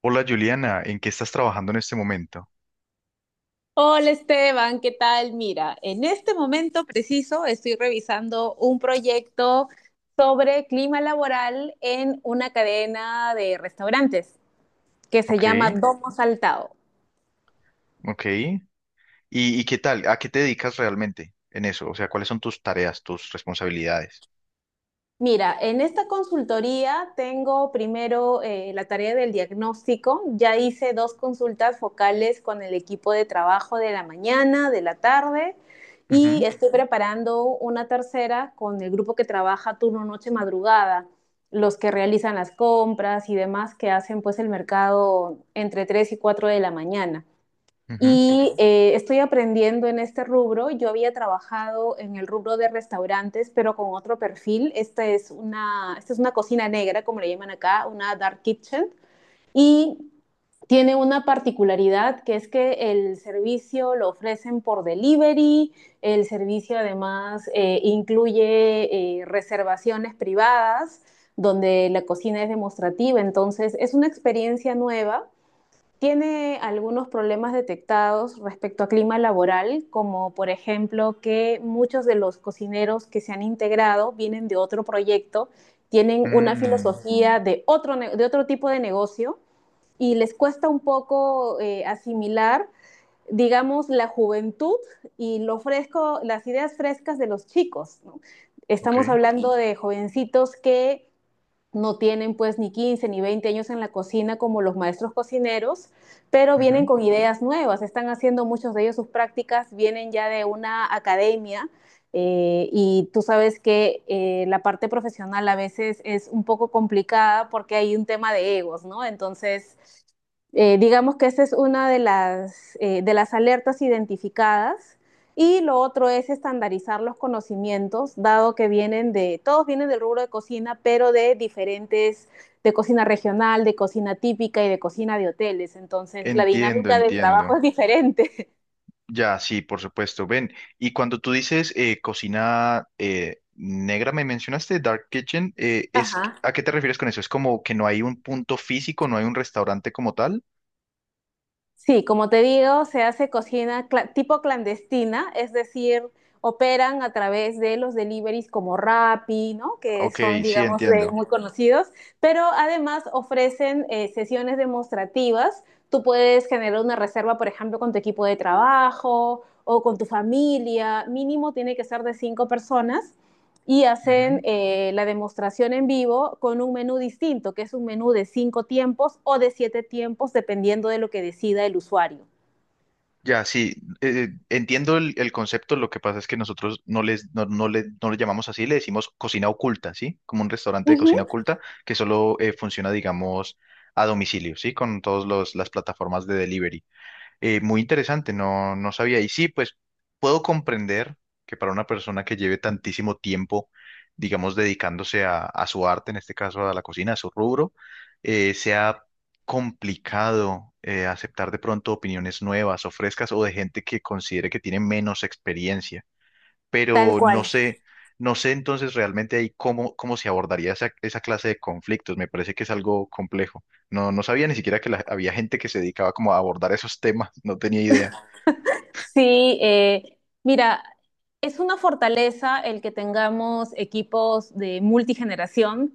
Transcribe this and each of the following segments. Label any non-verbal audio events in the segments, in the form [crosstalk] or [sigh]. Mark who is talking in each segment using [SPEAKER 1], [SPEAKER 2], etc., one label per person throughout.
[SPEAKER 1] Hola Juliana, ¿en qué estás trabajando en este momento?
[SPEAKER 2] Hola Esteban, ¿qué tal? Mira, en este momento preciso estoy revisando un proyecto sobre clima laboral en una cadena de restaurantes que se
[SPEAKER 1] Ok,
[SPEAKER 2] llama Domo Saltado.
[SPEAKER 1] ok. ¿Y qué tal? ¿A qué te dedicas realmente en eso? O sea, ¿cuáles son tus tareas, tus responsabilidades?
[SPEAKER 2] Mira, en esta consultoría tengo primero la tarea del diagnóstico. Ya hice dos consultas focales con el equipo de trabajo de la mañana, de la tarde, y
[SPEAKER 1] Ujú,
[SPEAKER 2] estoy preparando una tercera con el grupo que trabaja turno noche madrugada, los que realizan las compras y demás que hacen pues el mercado entre 3 y 4 de la mañana.
[SPEAKER 1] ujú,
[SPEAKER 2] Estoy aprendiendo en este rubro. Yo había trabajado en el rubro de restaurantes, pero con otro perfil. Esta es una cocina negra, como le llaman acá, una dark kitchen. Y tiene una particularidad que es que el servicio lo ofrecen por delivery, el servicio además incluye reservaciones privadas donde la cocina es demostrativa, entonces es una experiencia nueva. Tiene algunos problemas detectados respecto a clima laboral, como por ejemplo que muchos de los cocineros que se han integrado vienen de otro proyecto, tienen una
[SPEAKER 1] mm,
[SPEAKER 2] filosofía de de otro tipo de negocio, y les cuesta un poco asimilar, digamos, la juventud y lo fresco, las ideas frescas de los chicos, ¿no?
[SPEAKER 1] ok,
[SPEAKER 2] Estamos hablando de jovencitos que no tienen pues ni 15 ni 20 años en la cocina como los maestros cocineros, pero vienen
[SPEAKER 1] ujú.
[SPEAKER 2] con ideas nuevas, están haciendo muchos de ellos sus prácticas, vienen ya de una academia, y tú sabes que la parte profesional a veces es un poco complicada porque hay un tema de egos, ¿no? Entonces, digamos que esa es una de de las alertas identificadas, y lo otro es estandarizar los conocimientos, dado que vienen todos vienen del rubro de cocina, pero de diferentes, de cocina regional, de cocina típica y de cocina de hoteles. Entonces, la
[SPEAKER 1] Entiendo,
[SPEAKER 2] dinámica del
[SPEAKER 1] entiendo.
[SPEAKER 2] trabajo es diferente.
[SPEAKER 1] Ya, sí, por supuesto. Ven, y cuando tú dices cocina negra, me mencionaste Dark Kitchen,
[SPEAKER 2] Ajá.
[SPEAKER 1] ¿a qué te refieres con eso? ¿Es como que no hay un punto físico, no hay un restaurante como tal?
[SPEAKER 2] Sí, como te digo, se hace tipo clandestina, es decir, operan a través de los deliveries como Rappi, ¿no? Que
[SPEAKER 1] Ok,
[SPEAKER 2] son,
[SPEAKER 1] sí,
[SPEAKER 2] digamos,
[SPEAKER 1] entiendo.
[SPEAKER 2] muy conocidos, pero además ofrecen sesiones demostrativas. Tú puedes generar una reserva, por ejemplo, con tu equipo de trabajo o con tu familia. Mínimo tiene que ser de cinco personas, y hacen la demostración en vivo con un menú distinto, que es un menú de cinco tiempos o de siete tiempos, dependiendo de lo que decida el usuario.
[SPEAKER 1] Ya, sí, entiendo el concepto, lo que pasa es que nosotros no les, no le llamamos así, le decimos cocina oculta, ¿sí? Como un restaurante de cocina
[SPEAKER 2] Ujú.
[SPEAKER 1] oculta que solo funciona, digamos, a domicilio, ¿sí? Con todas las plataformas de delivery. Muy interesante, no, no sabía. Y sí, pues puedo comprender que para una persona que lleve tantísimo tiempo, digamos, dedicándose a su arte, en este caso a la cocina, a su rubro, sea complicado aceptar de pronto opiniones nuevas o frescas o de gente que considere que tiene menos experiencia,
[SPEAKER 2] Tal
[SPEAKER 1] pero no
[SPEAKER 2] cual.
[SPEAKER 1] sé, no sé entonces realmente ahí cómo, cómo se abordaría esa, esa clase de conflictos. Me parece que es algo complejo. No, no sabía ni siquiera que había gente que se dedicaba como a abordar esos temas, no tenía idea.
[SPEAKER 2] Sí, mira, es una fortaleza el que tengamos equipos de multigeneración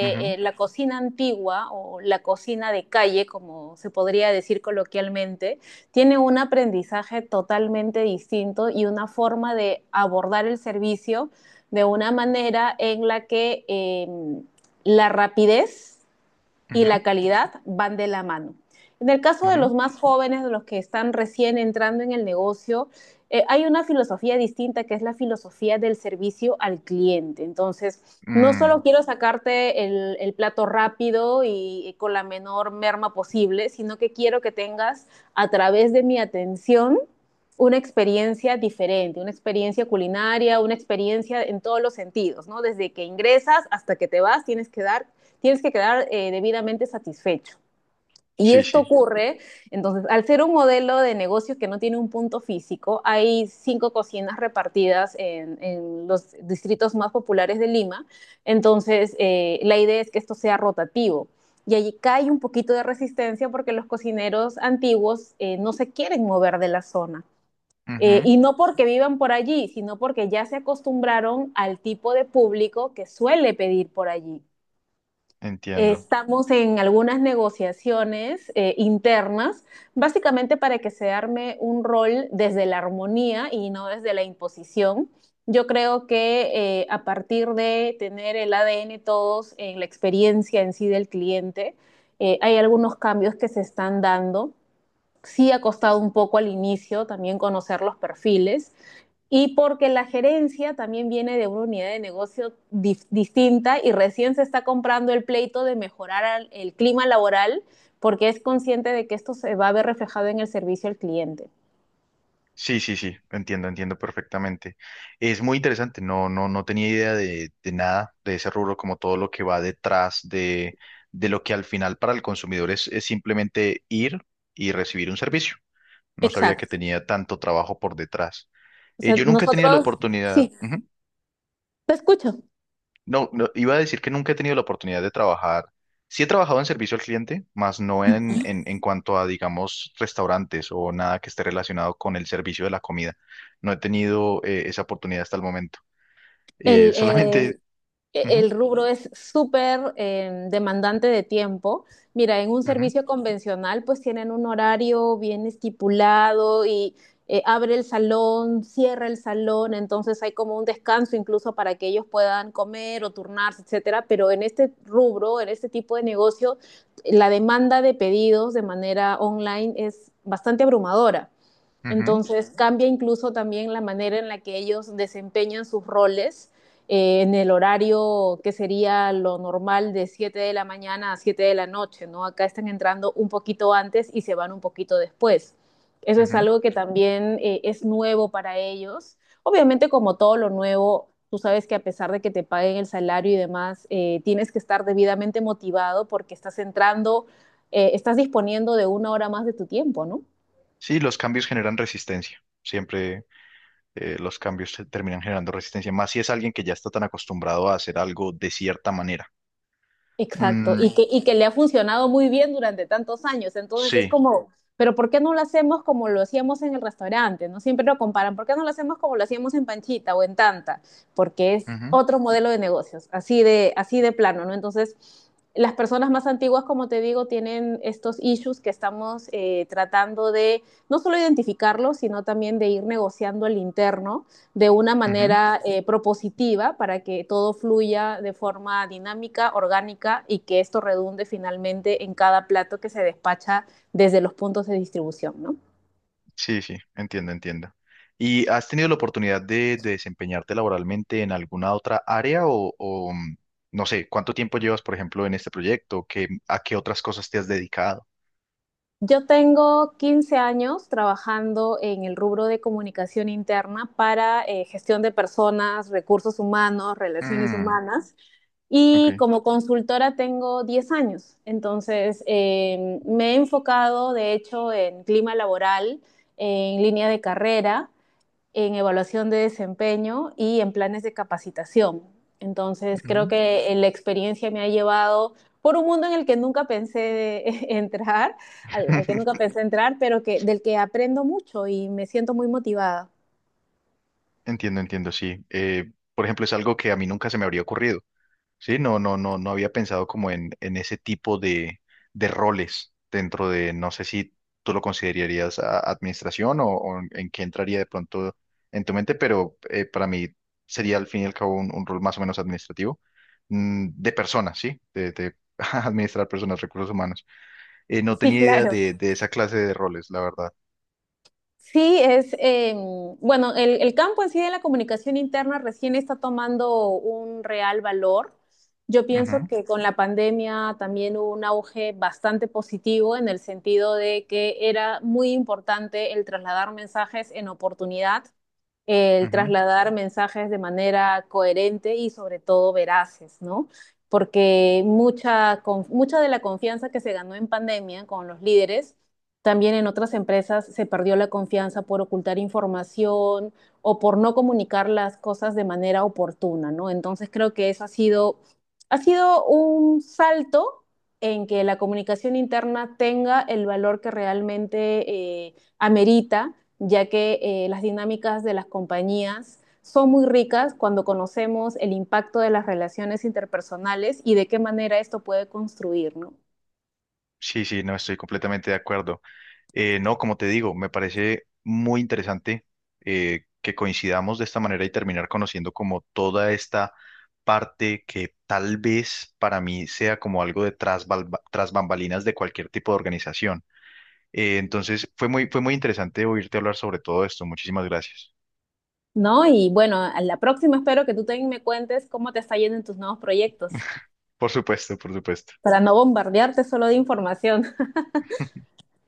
[SPEAKER 1] Ujú,
[SPEAKER 2] la cocina antigua o la cocina de calle, como se podría decir coloquialmente, tiene un aprendizaje totalmente distinto y una forma de abordar el servicio de una manera en la que la rapidez y
[SPEAKER 1] ujú,
[SPEAKER 2] la calidad van de la mano. En el caso de
[SPEAKER 1] ujú.
[SPEAKER 2] los más jóvenes, de los que están recién entrando en el negocio, hay una filosofía distinta que es la filosofía del servicio al cliente. Entonces, no
[SPEAKER 1] Mm,
[SPEAKER 2] solo quiero sacarte el plato rápido y, con la menor merma posible, sino que quiero que tengas a través de mi atención una experiencia diferente, una experiencia culinaria, una experiencia en todos los sentidos, ¿no? Desde que ingresas hasta que te vas, tienes que quedar debidamente satisfecho. Y
[SPEAKER 1] sí,
[SPEAKER 2] esto
[SPEAKER 1] sí.
[SPEAKER 2] ocurre, entonces, al ser un modelo de negocio que no tiene un punto físico, hay cinco cocinas repartidas en los distritos más populares de Lima, entonces la idea es que esto sea rotativo. Y allí cae un poquito de resistencia porque los cocineros antiguos no se quieren mover de la zona.
[SPEAKER 1] Ujú,
[SPEAKER 2] Y no porque vivan por allí, sino porque ya se acostumbraron al tipo de público que suele pedir por allí.
[SPEAKER 1] entiendo.
[SPEAKER 2] Estamos en algunas negociaciones internas, básicamente para que se arme un rol desde la armonía y no desde la imposición. Yo creo que a partir de tener el ADN todos en la experiencia en sí del cliente, hay algunos cambios que se están dando. Sí ha costado un poco al inicio también conocer los perfiles, y porque la gerencia también viene de una unidad de distinta y recién se está comprando el pleito de mejorar el clima laboral porque es consciente de que esto se va a ver reflejado en el servicio al cliente.
[SPEAKER 1] Sí, sí, sí, entiendo, entiendo perfectamente. Es muy interesante, no, no, no tenía idea de nada de ese rubro, como todo lo que va detrás de lo que al final para el consumidor es simplemente ir y recibir un servicio. No sabía que
[SPEAKER 2] Exacto.
[SPEAKER 1] tenía tanto trabajo por detrás.
[SPEAKER 2] O sea,
[SPEAKER 1] Yo nunca he tenido la
[SPEAKER 2] nosotros,
[SPEAKER 1] oportunidad,
[SPEAKER 2] sí,
[SPEAKER 1] ujú.
[SPEAKER 2] te escucho.
[SPEAKER 1] No, no, iba a decir que nunca he tenido la oportunidad de trabajar. Sí he trabajado en servicio al cliente, más no en cuanto a, digamos, restaurantes o nada que esté relacionado con el servicio de la comida. No he tenido esa oportunidad hasta el momento.
[SPEAKER 2] El, eh,
[SPEAKER 1] Solamente... ujú,
[SPEAKER 2] el rubro es súper demandante de tiempo. Mira, en un
[SPEAKER 1] ujú,
[SPEAKER 2] servicio convencional pues tienen un horario bien estipulado y abre el salón, cierra el salón, entonces hay como un descanso incluso para que ellos puedan comer o turnarse, etcétera. Pero en este rubro, en este tipo de negocio, la demanda de pedidos de manera online es bastante abrumadora.
[SPEAKER 1] ujú,
[SPEAKER 2] Entonces cambia incluso también la manera en la que ellos desempeñan sus roles en el horario que sería lo normal de 7 de la mañana a 7 de la noche, ¿no? Acá están entrando un poquito antes y se van un poquito después. Eso es
[SPEAKER 1] ujú.
[SPEAKER 2] algo que también es nuevo para ellos. Obviamente, como todo lo nuevo, tú sabes que a pesar de que te paguen el salario y demás, tienes que estar debidamente motivado porque estás entrando, estás disponiendo de una hora más de tu tiempo, ¿no?
[SPEAKER 1] Sí, los cambios generan resistencia. Siempre los cambios terminan generando resistencia, más si es alguien que ya está tan acostumbrado a hacer algo de cierta manera.
[SPEAKER 2] Exacto,
[SPEAKER 1] Mm,
[SPEAKER 2] y que le ha funcionado muy bien durante tantos años. Entonces es
[SPEAKER 1] sí,
[SPEAKER 2] como, pero ¿por qué no lo hacemos como lo hacíamos en el restaurante? No siempre lo comparan. ¿Por qué no lo hacemos como lo hacíamos en Panchita o en Tanta? Porque es
[SPEAKER 1] ujú,
[SPEAKER 2] otro modelo de negocios, así de plano, ¿no? Entonces, las personas más antiguas, como te digo, tienen estos issues que estamos tratando de no solo identificarlos, sino también de ir negociando el interno de una
[SPEAKER 1] ujú.
[SPEAKER 2] manera propositiva para que todo fluya de forma dinámica, orgánica y que esto redunde finalmente en cada plato que se despacha desde los puntos de distribución, ¿no?
[SPEAKER 1] Sí, sí, entiendo, entiendo. ¿Y has tenido la oportunidad de desempeñarte laboralmente en alguna otra área o, mm, no sé, cuánto tiempo llevas, por ejemplo, en este proyecto? ¿Qué, a qué otras cosas te has dedicado?
[SPEAKER 2] Yo tengo 15 años trabajando en el rubro de comunicación interna para gestión de personas, recursos humanos, relaciones
[SPEAKER 1] Mm,
[SPEAKER 2] humanas.
[SPEAKER 1] ok,
[SPEAKER 2] Y como consultora tengo 10 años, entonces me he enfocado de hecho en clima laboral, en línea de carrera, en evaluación de desempeño y en planes de capacitación. Entonces creo
[SPEAKER 1] ujú.
[SPEAKER 2] que la experiencia me ha llevado por un mundo en el que nunca pensé [laughs] entrar, al que nunca
[SPEAKER 1] [laughs]
[SPEAKER 2] pensé entrar, pero que, del que aprendo mucho y me siento muy motivada.
[SPEAKER 1] Entiendo, entiendo, sí. Por ejemplo, es algo que a mí nunca se me habría ocurrido. Sí, no, no, no, no había pensado como en ese tipo de roles dentro de, no sé si tú lo considerarías administración o en qué entraría de pronto en tu mente, pero para mí sería al fin y al cabo un rol más o menos administrativo, mm, de personas, ¿sí? De [laughs] administrar personas, recursos humanos. No
[SPEAKER 2] Sí,
[SPEAKER 1] tenía idea
[SPEAKER 2] claro.
[SPEAKER 1] de esa clase de roles, la verdad.
[SPEAKER 2] Sí, es, eh, bueno, el campo en sí de la comunicación interna recién está tomando un real valor. Yo pienso que con la pandemia también hubo un auge bastante positivo en el sentido de que era muy importante el trasladar mensajes en oportunidad,
[SPEAKER 1] Ujú,
[SPEAKER 2] el
[SPEAKER 1] ujú.
[SPEAKER 2] trasladar mensajes de manera coherente y sobre todo veraces, ¿no? Porque mucha de la confianza que se ganó en pandemia con los líderes, también en otras empresas se perdió la confianza por ocultar información o por no comunicar las cosas de manera oportuna, ¿no? Entonces creo que eso ha sido un salto en que la comunicación interna tenga el valor que realmente amerita ya que las dinámicas de las compañías son muy ricas cuando conocemos el impacto de las relaciones interpersonales y de qué manera esto puede construir, ¿no?
[SPEAKER 1] Sí, sí, no estoy completamente de acuerdo. No, como te digo, me parece muy interesante que coincidamos de esta manera y terminar conociendo como toda esta parte que tal vez para mí sea como algo de tras, tras bambalinas de cualquier tipo de organización. Entonces, fue muy interesante oírte hablar sobre todo esto. Muchísimas gracias.
[SPEAKER 2] ¿No? Y bueno, a la próxima espero que tú también me cuentes cómo te está yendo en tus nuevos proyectos,
[SPEAKER 1] Por supuesto, por supuesto.
[SPEAKER 2] para no bombardearte solo de información.